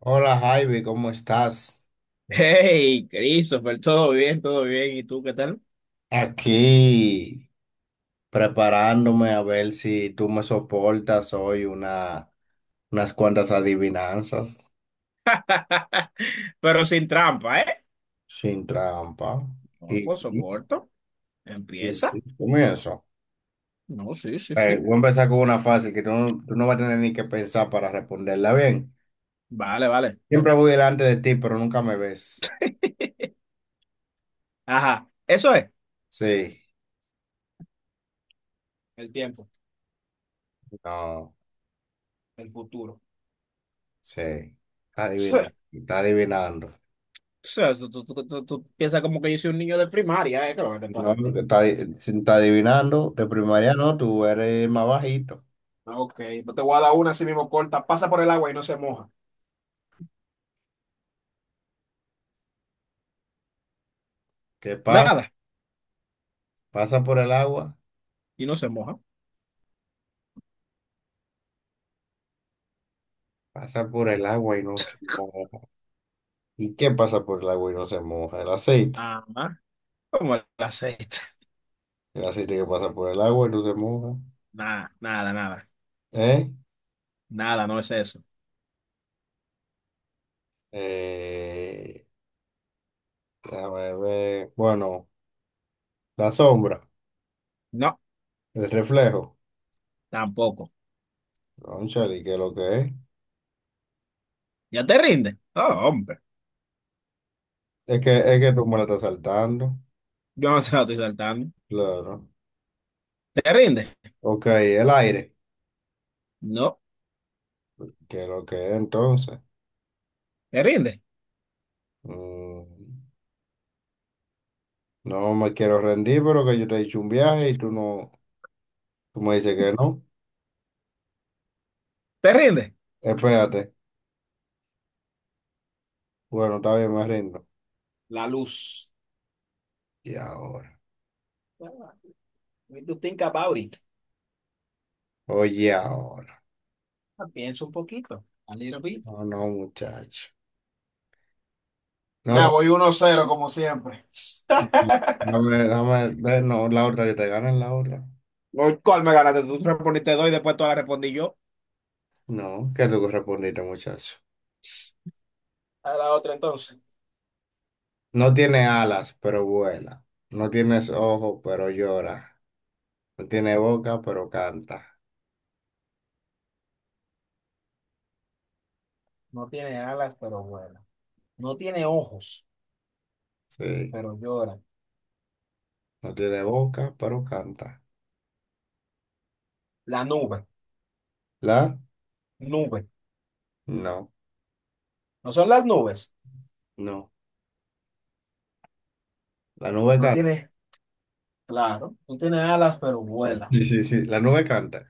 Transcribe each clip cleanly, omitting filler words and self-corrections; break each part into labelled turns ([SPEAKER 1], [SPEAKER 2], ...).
[SPEAKER 1] Hola Javi, ¿cómo estás?
[SPEAKER 2] Hey, Christopher, todo bien, todo bien. ¿Y tú qué tal?
[SPEAKER 1] Aquí preparándome a ver si tú me soportas hoy unas cuantas adivinanzas
[SPEAKER 2] Pero sin trampa, ¿eh?
[SPEAKER 1] sin trampa.
[SPEAKER 2] No,
[SPEAKER 1] Y
[SPEAKER 2] pues
[SPEAKER 1] sí,
[SPEAKER 2] soporto.
[SPEAKER 1] y
[SPEAKER 2] Empieza.
[SPEAKER 1] sí, comienzo.
[SPEAKER 2] No, sí, sí, sí.
[SPEAKER 1] Voy a empezar con una fácil que tú no vas a tener ni que pensar para responderla bien.
[SPEAKER 2] Vale, vale.
[SPEAKER 1] Siempre voy delante de ti, pero nunca me ves.
[SPEAKER 2] Ajá, eso es.
[SPEAKER 1] Sí,
[SPEAKER 2] El tiempo,
[SPEAKER 1] no,
[SPEAKER 2] el futuro.
[SPEAKER 1] sí. Está adivinando,
[SPEAKER 2] Pse,
[SPEAKER 1] está adivinando.
[SPEAKER 2] pse, tú piensas como que yo soy un niño de primaria, ¿eh? ¿Qué es lo que te
[SPEAKER 1] No,
[SPEAKER 2] pasa a ti?
[SPEAKER 1] te está, si está adivinando, de primaria no, tú eres más bajito.
[SPEAKER 2] Ah, ok, pues te voy a dar una así mismo corta. Pasa por el agua y no se moja.
[SPEAKER 1] ¿Qué pasa?
[SPEAKER 2] Nada,
[SPEAKER 1] Pasa por el agua,
[SPEAKER 2] y no se moja.
[SPEAKER 1] pasa por el agua y no se moja. ¿Y qué pasa por el agua y no se moja? El aceite.
[SPEAKER 2] Ajá, como el aceite.
[SPEAKER 1] El aceite que pasa por el agua y no se moja.
[SPEAKER 2] Nada, nada, nada.
[SPEAKER 1] ¿Eh?
[SPEAKER 2] Nada, no es eso.
[SPEAKER 1] Eh, déjame ver. Bueno, la sombra,
[SPEAKER 2] No,
[SPEAKER 1] el reflejo.
[SPEAKER 2] tampoco.
[SPEAKER 1] Cónchale, ¿qué es lo que es?
[SPEAKER 2] ¿Ya te rindes? Oh, hombre,
[SPEAKER 1] Es que tú me la estás saltando.
[SPEAKER 2] yo no te la estoy saltando.
[SPEAKER 1] Claro.
[SPEAKER 2] ¿Te rindes?
[SPEAKER 1] Ok, el aire.
[SPEAKER 2] No,
[SPEAKER 1] ¿Qué es lo que es entonces?
[SPEAKER 2] ¿te rindes?
[SPEAKER 1] Mm. No me quiero rendir, pero que yo te he dicho un viaje y tú me dices que no.
[SPEAKER 2] ¿Te rindes?
[SPEAKER 1] Espérate. Bueno, está bien, me rindo.
[SPEAKER 2] La luz.
[SPEAKER 1] Y ahora.
[SPEAKER 2] What do you think about it?
[SPEAKER 1] Oye, ahora.
[SPEAKER 2] Ah, piensa un poquito. A little bit.
[SPEAKER 1] No, no, muchacho. No,
[SPEAKER 2] Ya
[SPEAKER 1] no,
[SPEAKER 2] voy uno cero como siempre.
[SPEAKER 1] ve, no, la otra que te gana es la otra.
[SPEAKER 2] Voy, ¿cuál me ganaste? Tú respondiste dos y después todas las respondí yo.
[SPEAKER 1] No, que tú respondiste, muchacho.
[SPEAKER 2] A la otra entonces.
[SPEAKER 1] No tiene alas, pero vuela. No tienes ojos, pero llora. No tiene boca, pero canta.
[SPEAKER 2] No tiene alas, pero vuela. No tiene ojos,
[SPEAKER 1] Sí.
[SPEAKER 2] pero llora.
[SPEAKER 1] No tiene boca, pero canta.
[SPEAKER 2] La nube,
[SPEAKER 1] ¿La?
[SPEAKER 2] nube.
[SPEAKER 1] No.
[SPEAKER 2] ¿No son las nubes?
[SPEAKER 1] No. La nube
[SPEAKER 2] No
[SPEAKER 1] canta.
[SPEAKER 2] tiene, claro, no tiene alas, pero vuela.
[SPEAKER 1] Sí, sí, sí. La nube canta.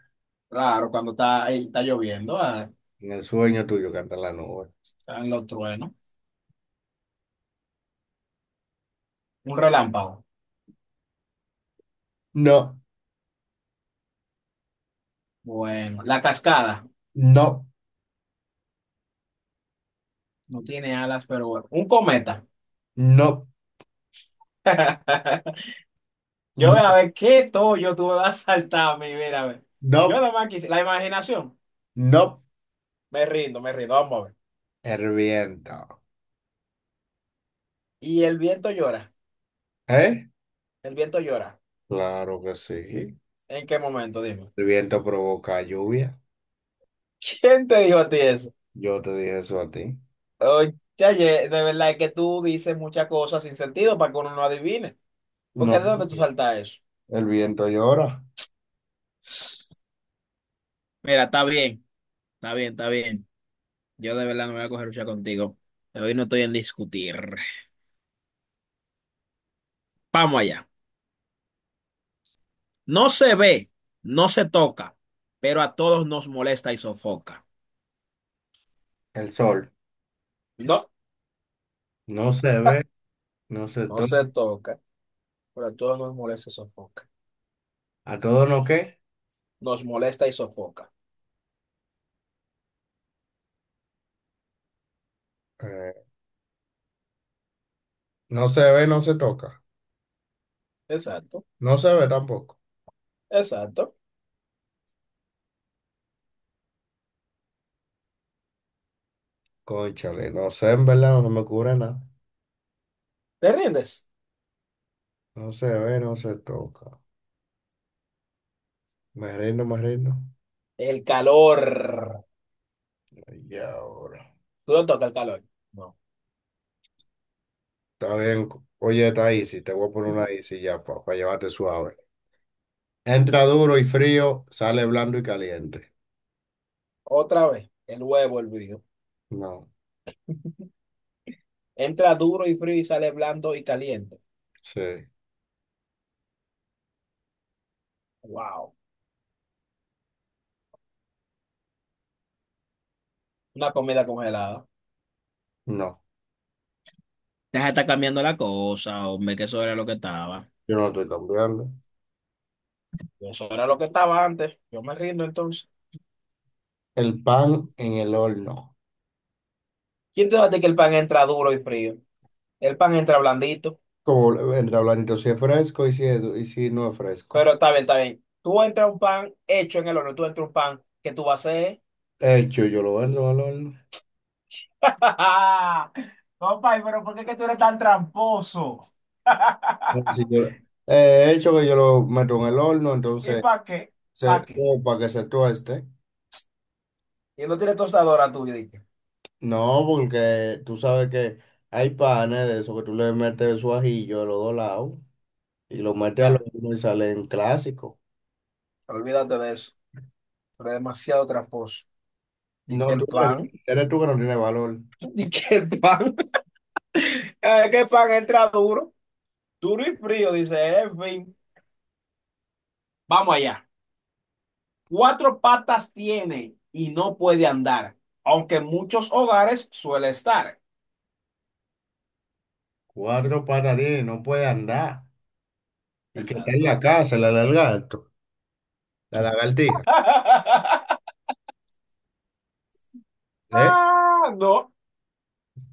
[SPEAKER 2] Claro, cuando está, está lloviendo, ah,
[SPEAKER 1] En el sueño tuyo canta la nube.
[SPEAKER 2] están los truenos. Un relámpago.
[SPEAKER 1] No,
[SPEAKER 2] Bueno, la cascada.
[SPEAKER 1] no,
[SPEAKER 2] No tiene alas, pero bueno. Un cometa.
[SPEAKER 1] no,
[SPEAKER 2] Yo
[SPEAKER 1] no,
[SPEAKER 2] voy a ver qué yo tú me vas a saltar a mí, mira, a ver. Yo
[SPEAKER 1] no,
[SPEAKER 2] nada más quise. La imaginación.
[SPEAKER 1] no.
[SPEAKER 2] Me rindo, me rindo. Vamos a ver.
[SPEAKER 1] El viento.
[SPEAKER 2] Y el viento llora.
[SPEAKER 1] ¿Eh?
[SPEAKER 2] El viento llora.
[SPEAKER 1] Claro que sí.
[SPEAKER 2] ¿En qué momento? Dime.
[SPEAKER 1] El viento provoca lluvia.
[SPEAKER 2] ¿Quién te dijo a ti eso?
[SPEAKER 1] Yo te dije eso a ti.
[SPEAKER 2] Oye, de verdad es que tú dices muchas cosas sin sentido para que uno no adivine.
[SPEAKER 1] No,
[SPEAKER 2] Porque ¿de dónde tú saltas eso?
[SPEAKER 1] el viento llora.
[SPEAKER 2] Mira, está bien. Está bien, está bien. Yo de verdad no me voy a coger lucha contigo. Hoy no estoy en discutir. Vamos allá. No se ve, no se toca, pero a todos nos molesta y sofoca.
[SPEAKER 1] El sol
[SPEAKER 2] No,
[SPEAKER 1] no se ve, no se
[SPEAKER 2] no
[SPEAKER 1] toca.
[SPEAKER 2] se toca, pero a todos nos molesta y sofoca.
[SPEAKER 1] ¿A todo no qué?
[SPEAKER 2] Nos molesta y sofoca.
[SPEAKER 1] Eh, no se ve, no se toca.
[SPEAKER 2] Exacto,
[SPEAKER 1] No se ve tampoco.
[SPEAKER 2] exacto.
[SPEAKER 1] Cónchale, no sé, en verdad no se me ocurre nada.
[SPEAKER 2] ¿Te rindes?
[SPEAKER 1] No se ve, no se toca. Me rindo, me rindo.
[SPEAKER 2] El calor.
[SPEAKER 1] Y ahora.
[SPEAKER 2] ¿Tú no tocas el calor? No.
[SPEAKER 1] Está bien. Oye, está easy. Te voy a poner una easy ya para llevarte suave. Entra duro y frío, sale blando y caliente.
[SPEAKER 2] Otra vez, el huevo hervido.
[SPEAKER 1] No,
[SPEAKER 2] Entra duro y frío y sale blando y caliente.
[SPEAKER 1] sí,
[SPEAKER 2] Wow. Una comida congelada.
[SPEAKER 1] no.
[SPEAKER 2] Deja de estar cambiando la cosa, hombre, que eso era lo que estaba.
[SPEAKER 1] Yo no estoy cambiando.
[SPEAKER 2] Eso era lo que estaba antes. Yo me rindo entonces.
[SPEAKER 1] El pan en el horno.
[SPEAKER 2] ¿Quién te dice que el pan entra duro y frío? El pan entra blandito.
[SPEAKER 1] Como entra blandito si es fresco y si, y si no es fresco.
[SPEAKER 2] Pero está bien, está bien. Tú entras un pan hecho en el horno, tú entras un pan que tú vas a hacer.
[SPEAKER 1] Hecho, yo lo entro al horno.
[SPEAKER 2] Compa, pero ¿por qué es que tú eres tan tramposo?
[SPEAKER 1] Si yo- hecho que yo lo meto en el horno,
[SPEAKER 2] ¿Y
[SPEAKER 1] entonces,
[SPEAKER 2] para qué?
[SPEAKER 1] se,
[SPEAKER 2] ¿Para qué?
[SPEAKER 1] o para que se tueste.
[SPEAKER 2] Y no tienes tostadora tú, y dije,
[SPEAKER 1] No, porque tú sabes que hay panes de eso que tú le metes su ajillo de los dos lados. Y lo mete a lo
[SPEAKER 2] nada,
[SPEAKER 1] uno y salen en clásico.
[SPEAKER 2] olvídate de eso. Pero es demasiado tramposo. Di que
[SPEAKER 1] No, tú
[SPEAKER 2] el
[SPEAKER 1] eres,
[SPEAKER 2] pan,
[SPEAKER 1] eres tú que no tienes valor.
[SPEAKER 2] di que el pan, que el pan entra duro. Duro y frío, dice, en fin. Vamos allá. Cuatro patas tiene y no puede andar, aunque en muchos hogares suele estar.
[SPEAKER 1] Cuatro patadines, no puede andar. Y que está en la
[SPEAKER 2] Exacto.
[SPEAKER 1] casa, la lagarto, la lagartija, ¿eh?
[SPEAKER 2] Ah, no.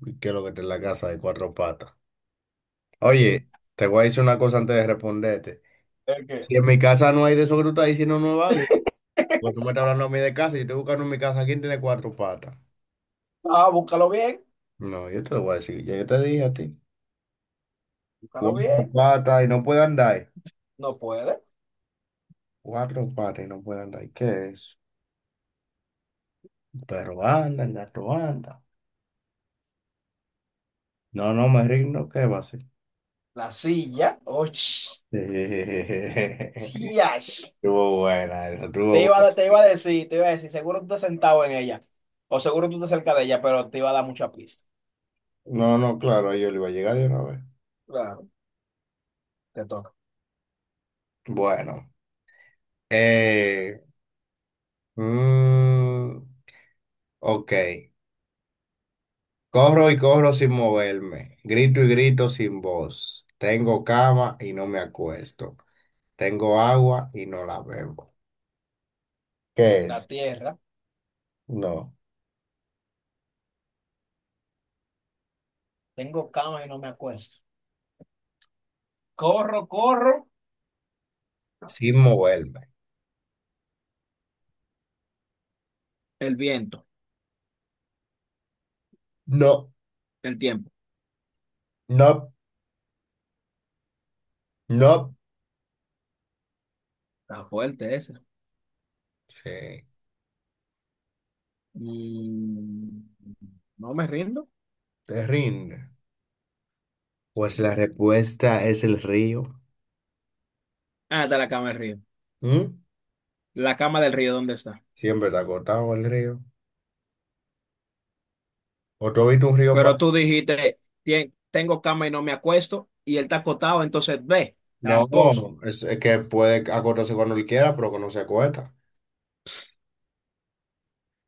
[SPEAKER 1] Y que lo que está en la casa de cuatro patas. Oye, te voy a decir una cosa antes de responderte.
[SPEAKER 2] ¿El qué?
[SPEAKER 1] Si en mi casa no hay de eso que tú estás diciendo, no es válido. Pues tú me estás hablando a mí de casa y yo estoy buscando en mi casa quién tiene cuatro patas.
[SPEAKER 2] Ah, búscalo bien,
[SPEAKER 1] No, yo te lo voy a decir, ya yo te dije a ti.
[SPEAKER 2] búscalo
[SPEAKER 1] Cuatro
[SPEAKER 2] bien.
[SPEAKER 1] patas y no puede andar.
[SPEAKER 2] No puede.
[SPEAKER 1] Cuatro patas y no puede andar. ¿Qué es? Pero anda, gato anda. No, no me rindo, ¿qué va a ser?
[SPEAKER 2] La silla. Oh,
[SPEAKER 1] Estuvo buena, esa estuvo
[SPEAKER 2] te iba,
[SPEAKER 1] buena.
[SPEAKER 2] te iba a decir, te iba a decir, seguro tú estás sentado en ella. O seguro tú estás cerca de ella, pero te iba a dar mucha pista.
[SPEAKER 1] No, no, claro, a ellos le iba a llegar de una vez.
[SPEAKER 2] Claro, te toca.
[SPEAKER 1] Bueno, eh, mm, ok. Corro y corro sin moverme, grito y grito sin voz. Tengo cama y no me acuesto. Tengo agua y no la bebo. ¿Qué
[SPEAKER 2] La
[SPEAKER 1] es?
[SPEAKER 2] tierra.
[SPEAKER 1] No,
[SPEAKER 2] Tengo cama y no me acuesto. Corro, corro.
[SPEAKER 1] sin moverme.
[SPEAKER 2] El viento,
[SPEAKER 1] No,
[SPEAKER 2] el tiempo.
[SPEAKER 1] no, no.
[SPEAKER 2] Está fuerte ese.
[SPEAKER 1] Sí,
[SPEAKER 2] Mm, no me rindo.
[SPEAKER 1] te rinde. Pues
[SPEAKER 2] Sí.
[SPEAKER 1] la respuesta es el río.
[SPEAKER 2] Ah, está la cama del río.
[SPEAKER 1] ¿Mm?
[SPEAKER 2] La cama del río, ¿dónde está?
[SPEAKER 1] Siempre está acotado el río. ¿O tú has visto un río para...?
[SPEAKER 2] Pero tú dijiste, "Tien- tengo cama y no me acuesto", y él está acotado, entonces ve,
[SPEAKER 1] No,
[SPEAKER 2] tramposo.
[SPEAKER 1] es que puede acotarse cuando él quiera, pero que no se acuesta.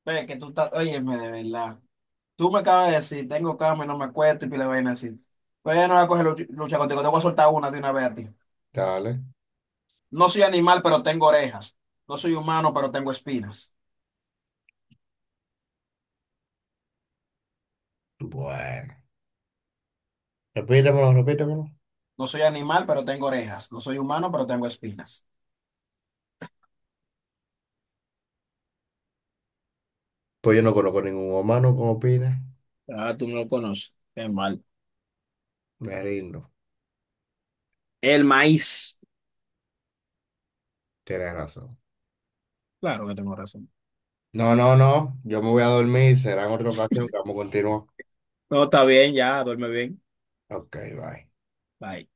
[SPEAKER 2] Ve que tú estás, óyeme, de verdad. Tú me acabas de decir, tengo cama y no me acuesto y pila de vaina así. Pero ya no voy a coger lucha contigo, te voy a soltar una de una vez a ti.
[SPEAKER 1] Dale.
[SPEAKER 2] No soy animal, pero tengo orejas. No soy humano, pero tengo espinas.
[SPEAKER 1] Bueno. Repítemelo, repítemelo.
[SPEAKER 2] No soy animal, pero tengo orejas. No soy humano, pero tengo espinas.
[SPEAKER 1] Pues yo no conozco ningún humano como opina.
[SPEAKER 2] Ah, tú no lo conoces. Qué mal.
[SPEAKER 1] Me rindo.
[SPEAKER 2] El maíz.
[SPEAKER 1] Tienes razón.
[SPEAKER 2] Claro que tengo razón.
[SPEAKER 1] No, no, no. Yo me voy a dormir. Será en otra ocasión que vamos a continuar.
[SPEAKER 2] No, está bien, ya, duerme bien.
[SPEAKER 1] Ok, bye.
[SPEAKER 2] Bye.